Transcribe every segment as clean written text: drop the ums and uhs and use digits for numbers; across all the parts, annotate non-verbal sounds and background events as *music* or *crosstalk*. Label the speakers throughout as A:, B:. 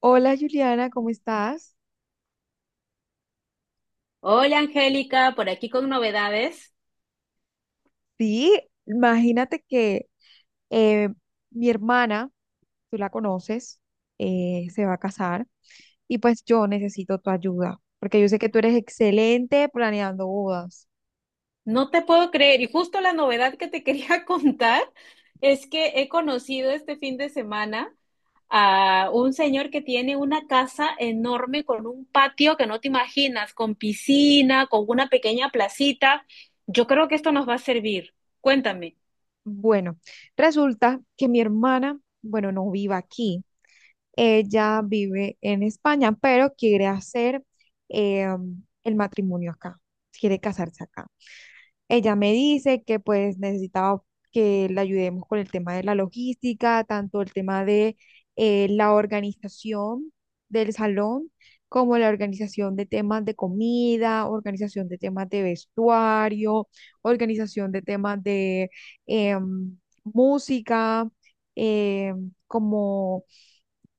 A: Hola Juliana, ¿cómo estás?
B: Hola Angélica, por aquí con novedades.
A: Sí, imagínate que eh, mi hermana, tú la conoces, se va a casar y pues yo necesito tu ayuda, porque yo sé que tú eres excelente planeando bodas.
B: No te puedo creer. Y justo la novedad que te quería *laughs* contar es que he conocido este fin de semana a un señor que tiene una casa enorme con un patio que no te imaginas, con piscina, con una pequeña placita. Yo creo que esto nos va a servir. Cuéntame.
A: Bueno, resulta que mi hermana, bueno, no vive aquí, ella vive en España, pero quiere hacer eh, el matrimonio acá, quiere casarse acá. Ella me dice que pues necesitaba que la ayudemos con el tema de la logística, tanto el tema de la organización del salón, como la organización de temas de comida, organización de temas de vestuario, organización de temas de em, música, como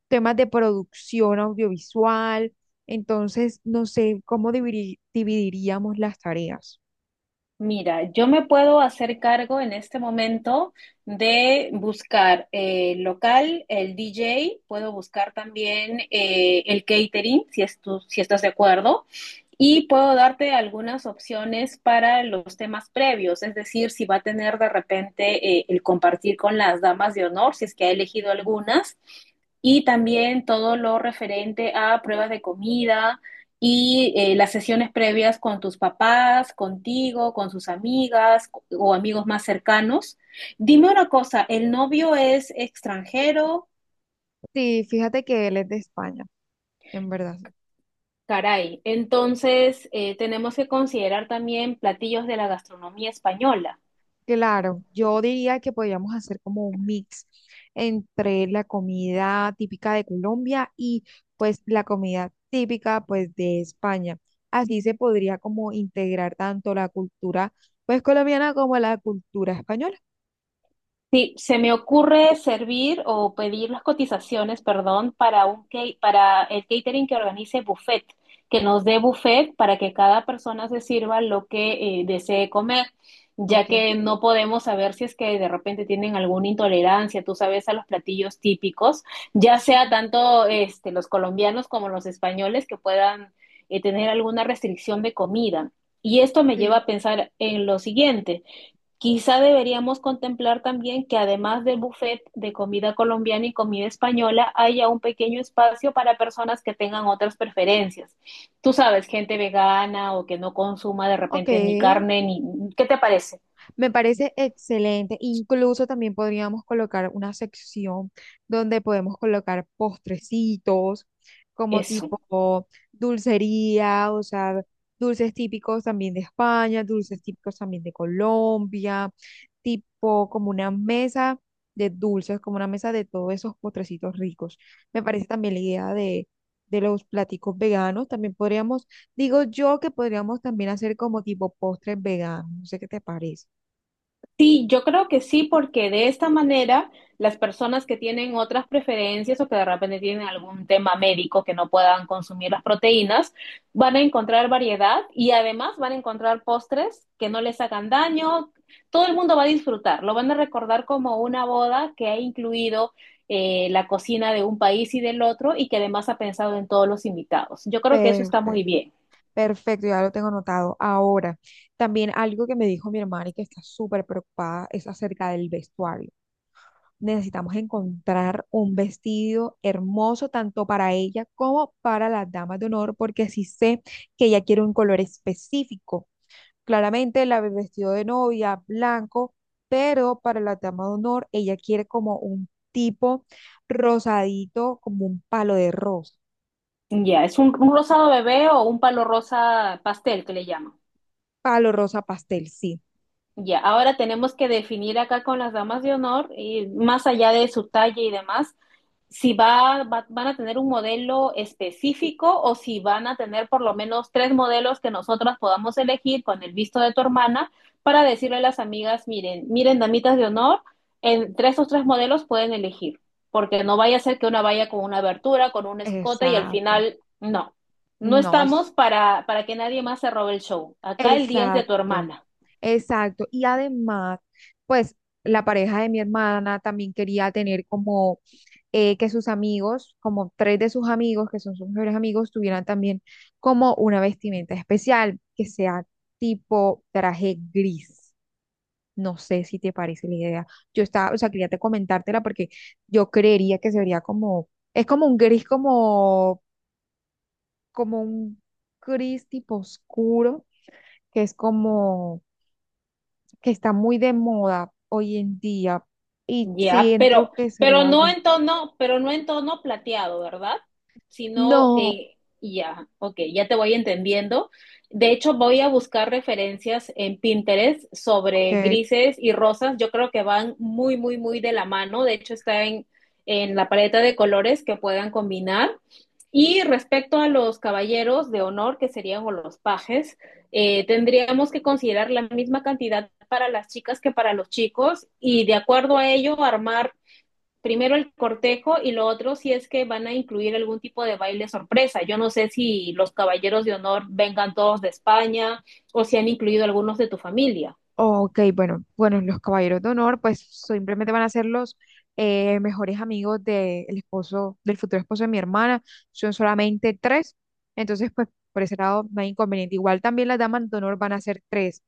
A: temas de producción audiovisual. Entonces, no sé cómo dividiríamos las tareas.
B: Mira, yo me puedo hacer cargo en este momento de buscar local, el DJ, puedo buscar también el catering, si, si estás de acuerdo, y puedo darte algunas opciones para los temas previos, es decir, si va a tener de repente el compartir con las damas de honor, si es que ha elegido algunas, y también todo lo referente a pruebas de comida, y las sesiones previas con tus papás, contigo, con sus amigas o amigos más cercanos. Dime una cosa, ¿el novio es extranjero?
A: Sí, fíjate que él es de España, en verdad.
B: Caray, entonces tenemos que considerar también platillos de la gastronomía española.
A: Claro, yo diría que podríamos hacer como un mix entre la comida típica de Colombia y pues la comida típica pues de España. Así se podría como integrar tanto la cultura pues colombiana como la cultura española.
B: Sí, se me ocurre servir o pedir las cotizaciones, perdón, para un para el catering que organice buffet, que nos dé buffet para que cada persona se sirva lo que desee comer, ya
A: Ok,
B: que no podemos saber si es que de repente tienen alguna intolerancia, tú sabes, a los platillos típicos, ya
A: sí,
B: sea tanto este, los colombianos como los españoles que puedan tener alguna restricción de comida. Y esto me lleva
A: sí.
B: a pensar en lo siguiente. Quizá deberíamos contemplar también que, además del buffet de comida colombiana y comida española, haya un pequeño espacio para personas que tengan otras preferencias. Tú sabes, gente vegana o que no consuma de
A: Ok,
B: repente ni carne, ni... ¿Qué te parece
A: me parece excelente. Incluso también podríamos colocar una sección donde podemos colocar postrecitos, como
B: eso?
A: tipo dulcería, o sea, dulces típicos también de España, dulces típicos también de Colombia, tipo como una mesa de dulces, como una mesa de todos esos postrecitos ricos. Me parece también la idea de los platicos veganos. También podríamos, digo yo que podríamos también hacer como tipo postres veganos, no sé qué te parece.
B: Sí, yo creo que sí, porque de esta manera las personas que tienen otras preferencias o que de repente tienen algún tema médico que no puedan consumir las proteínas, van a encontrar variedad y además van a encontrar postres que no les hagan daño. Todo el mundo va a disfrutar, lo van a recordar como una boda que ha incluido la cocina de un país y del otro y que además ha pensado en todos los invitados. Yo creo que eso está
A: Perfecto,
B: muy bien.
A: perfecto, ya lo tengo anotado. Ahora, también algo que me dijo mi hermana y que está súper preocupada es acerca del vestuario. Necesitamos encontrar un vestido hermoso tanto para ella como para las damas de honor, porque sí sé que ella quiere un color específico. Claramente, la el vestido de novia, blanco, pero para la dama de honor, ella quiere como un tipo rosadito, como un palo de rosa,
B: Ya, es un rosado bebé o un palo rosa pastel que le llaman.
A: palo rosa pastel, sí.
B: Ya, ahora tenemos que definir acá con las damas de honor, y más allá de su talla y demás, si van a tener un modelo específico o si van a tener por lo menos tres modelos que nosotras podamos elegir con el visto de tu hermana, para decirle a las amigas: miren, miren, damitas de honor, entre esos tres modelos pueden elegir, porque no vaya a ser que una vaya con una abertura, con un escote y al
A: Exacto.
B: final, no. No
A: No, es
B: estamos para que nadie más se robe el show. Acá el día es de tu
A: exacto,
B: hermana.
A: exacto. Y además, pues la pareja de mi hermana también quería tener como que sus amigos, como tres de sus amigos, que son sus mejores amigos, tuvieran también como una vestimenta especial, que sea tipo traje gris. No sé si te parece la idea. Yo estaba, o sea, quería te comentártela porque yo creería que se vería como, es como un gris, como, como un gris tipo oscuro que es como que está muy de moda hoy en día y
B: Ya,
A: siento
B: pero,
A: que sería bueno.
B: pero no en tono plateado, ¿verdad? Sino,
A: No,
B: ya, ok, ya te voy entendiendo. De hecho, voy a buscar referencias en Pinterest sobre
A: ok.
B: grises y rosas. Yo creo que van muy, muy, muy de la mano. De hecho, está en la paleta de colores que puedan combinar. Y respecto a los caballeros de honor, que serían o los pajes, tendríamos que considerar la misma cantidad para las chicas que para los chicos, y de acuerdo a ello armar primero el cortejo, y lo otro si es que van a incluir algún tipo de baile sorpresa. Yo no sé si los caballeros de honor vengan todos de España o si han incluido algunos de tu familia.
A: Ok, bueno, bueno, los caballeros de honor, pues simplemente van a ser los mejores amigos del esposo, del futuro esposo de mi hermana. Son solamente tres, entonces, pues por ese lado no hay inconveniente. Igual también las damas de honor van a ser tres,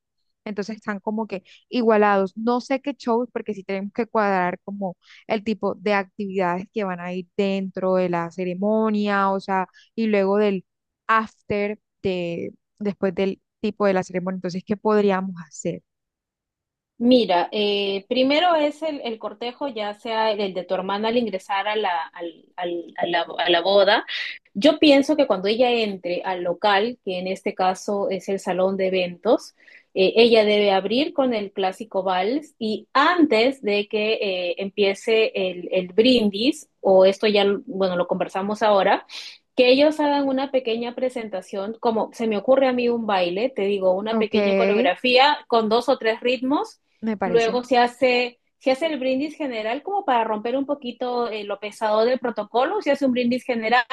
A: entonces están como que igualados. No sé qué shows, porque sí tenemos que cuadrar como el tipo de actividades que van a ir dentro de la ceremonia, o sea, y luego del after de después del tipo de la ceremonia. Entonces, ¿qué podríamos hacer?
B: Mira, primero es el cortejo, ya sea el de tu hermana al ingresar a la, al- al- a la boda. Yo pienso que cuando ella entre al local, que en este caso es el salón de eventos, ella debe abrir con el clásico vals, y antes de que empiece el brindis, o esto ya, bueno, lo conversamos ahora, que ellos hagan una pequeña presentación, como se me ocurre a mí un baile, te digo, una
A: Ok,
B: pequeña coreografía con dos o tres ritmos.
A: me parece.
B: Luego se hace el brindis general como para romper un poquito lo pesado del protocolo, se hace un brindis general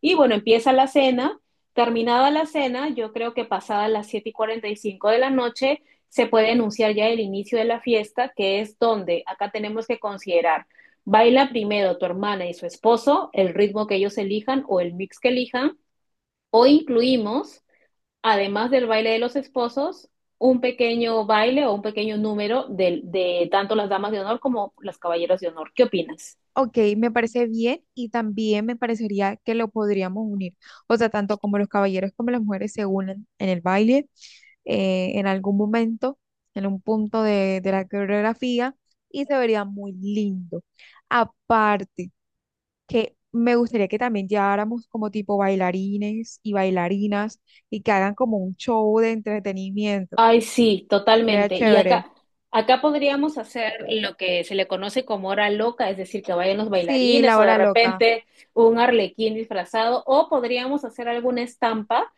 B: y, bueno, empieza la cena. Terminada la cena, yo creo que pasadas las 7:45 de la noche, se puede anunciar ya el inicio de la fiesta, que es donde acá tenemos que considerar: baila primero tu hermana y su esposo, el ritmo que ellos elijan o el mix que elijan, o incluimos, además del baile de los esposos, un pequeño baile o un pequeño número de tanto las damas de honor como las caballeros de honor. ¿Qué opinas?
A: Ok, me parece bien y también me parecería que lo podríamos unir. O sea, tanto como los caballeros como las mujeres se unen en el baile en algún momento, en un punto de la coreografía y se vería muy lindo. Aparte, que me gustaría que también lleváramos como tipo bailarines y bailarinas y que hagan como un show de entretenimiento.
B: Ay, sí,
A: Sería
B: totalmente. Y
A: chévere.
B: acá, acá podríamos hacer lo que se le conoce como hora loca, es decir, que vayan los
A: Sí, la
B: bailarines, o de
A: hora loca.
B: repente un arlequín disfrazado, o podríamos hacer alguna estampa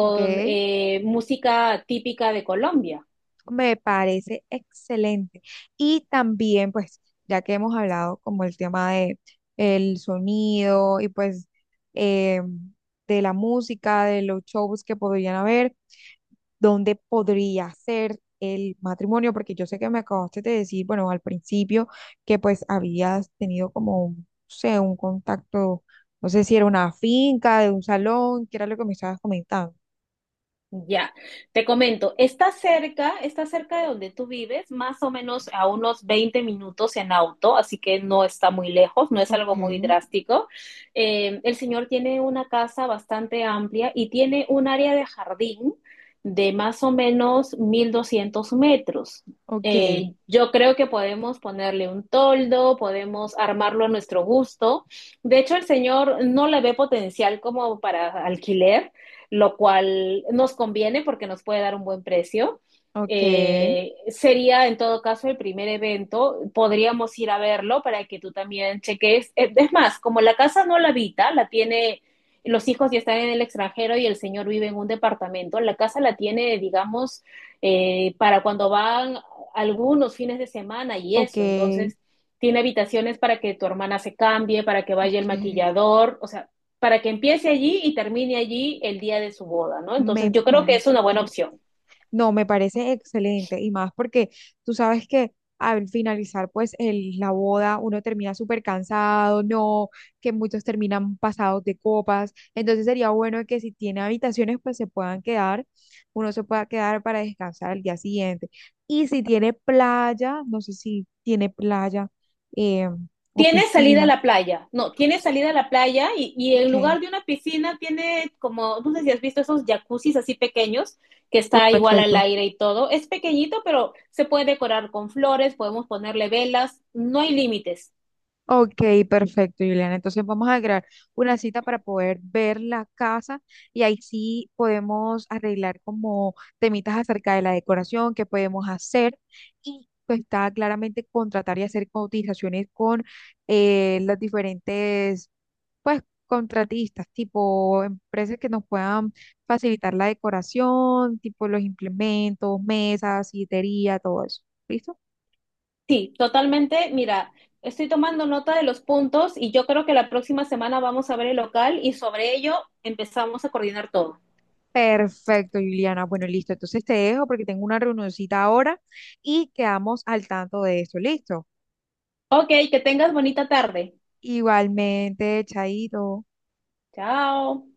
A: Ok.
B: música típica de Colombia.
A: Me parece excelente. Y también, pues, ya que hemos hablado como el tema de el sonido y pues eh, de la música, de los shows que podrían haber, ¿dónde podría ser el matrimonio? Porque yo sé que me acabaste de decir, bueno, al principio que pues habías tenido como, no sé, un contacto, no sé si era una finca, de un salón, que era lo que me estabas comentando.
B: Ya, te comento, está cerca de donde tú vives, más o menos a unos 20 minutos en auto, así que no está muy lejos, no es
A: Ok,
B: algo muy drástico. El señor tiene una casa bastante amplia y tiene un área de jardín de más o menos 1200 metros.
A: ok,
B: Yo creo que podemos ponerle un toldo, podemos armarlo a nuestro gusto. De hecho, el señor no le ve potencial como para alquiler, lo cual nos conviene porque nos puede dar un buen precio.
A: ok.
B: Sería en todo caso el primer evento, podríamos ir a verlo para que tú también cheques. Es más, como la casa no la habita, los hijos ya están en el extranjero y el señor vive en un departamento, la casa la tiene, digamos, para cuando van algunos fines de semana y
A: Ok,
B: eso, entonces tiene habitaciones para que tu hermana se cambie, para que vaya
A: ok,
B: el maquillador, o sea, para que empiece allí y termine allí el día de su boda, ¿no? Entonces
A: me
B: yo creo que es
A: parece
B: una buena
A: excelente.
B: opción.
A: No, me parece excelente y más porque tú sabes que al finalizar pues la boda uno termina súper cansado, no, que muchos terminan pasados de copas, entonces sería bueno que si tiene habitaciones pues se puedan quedar, uno se pueda quedar para descansar el día siguiente. Y si tiene playa, no sé si tiene playa eh, o
B: Tiene salida a
A: piscina,
B: la playa, no, tiene salida a la playa, y en
A: ok,
B: lugar de una piscina tiene como, no sé si has visto esos jacuzzis así pequeños, que
A: uy,
B: está igual al
A: perfecto.
B: aire y todo. Es pequeñito, pero se puede decorar con flores, podemos ponerle velas, no hay límites.
A: Ok, perfecto, Juliana. Entonces vamos a crear una cita para poder ver la casa y ahí sí podemos arreglar como temitas acerca de la decoración, qué podemos hacer y pues está claramente contratar y hacer cotizaciones con las diferentes pues contratistas, tipo empresas que nos puedan facilitar la decoración, tipo los implementos, mesas, sillería, todo eso. ¿Listo?
B: Sí, totalmente, mira, estoy tomando nota de los puntos y yo creo que la próxima semana vamos a ver el local y sobre ello empezamos a coordinar todo.
A: Perfecto, Juliana. Bueno, listo. Entonces te dejo porque tengo una reunioncita ahora y quedamos al tanto de esto. Listo.
B: Ok, que tengas bonita tarde.
A: Igualmente, Chaito.
B: Chao.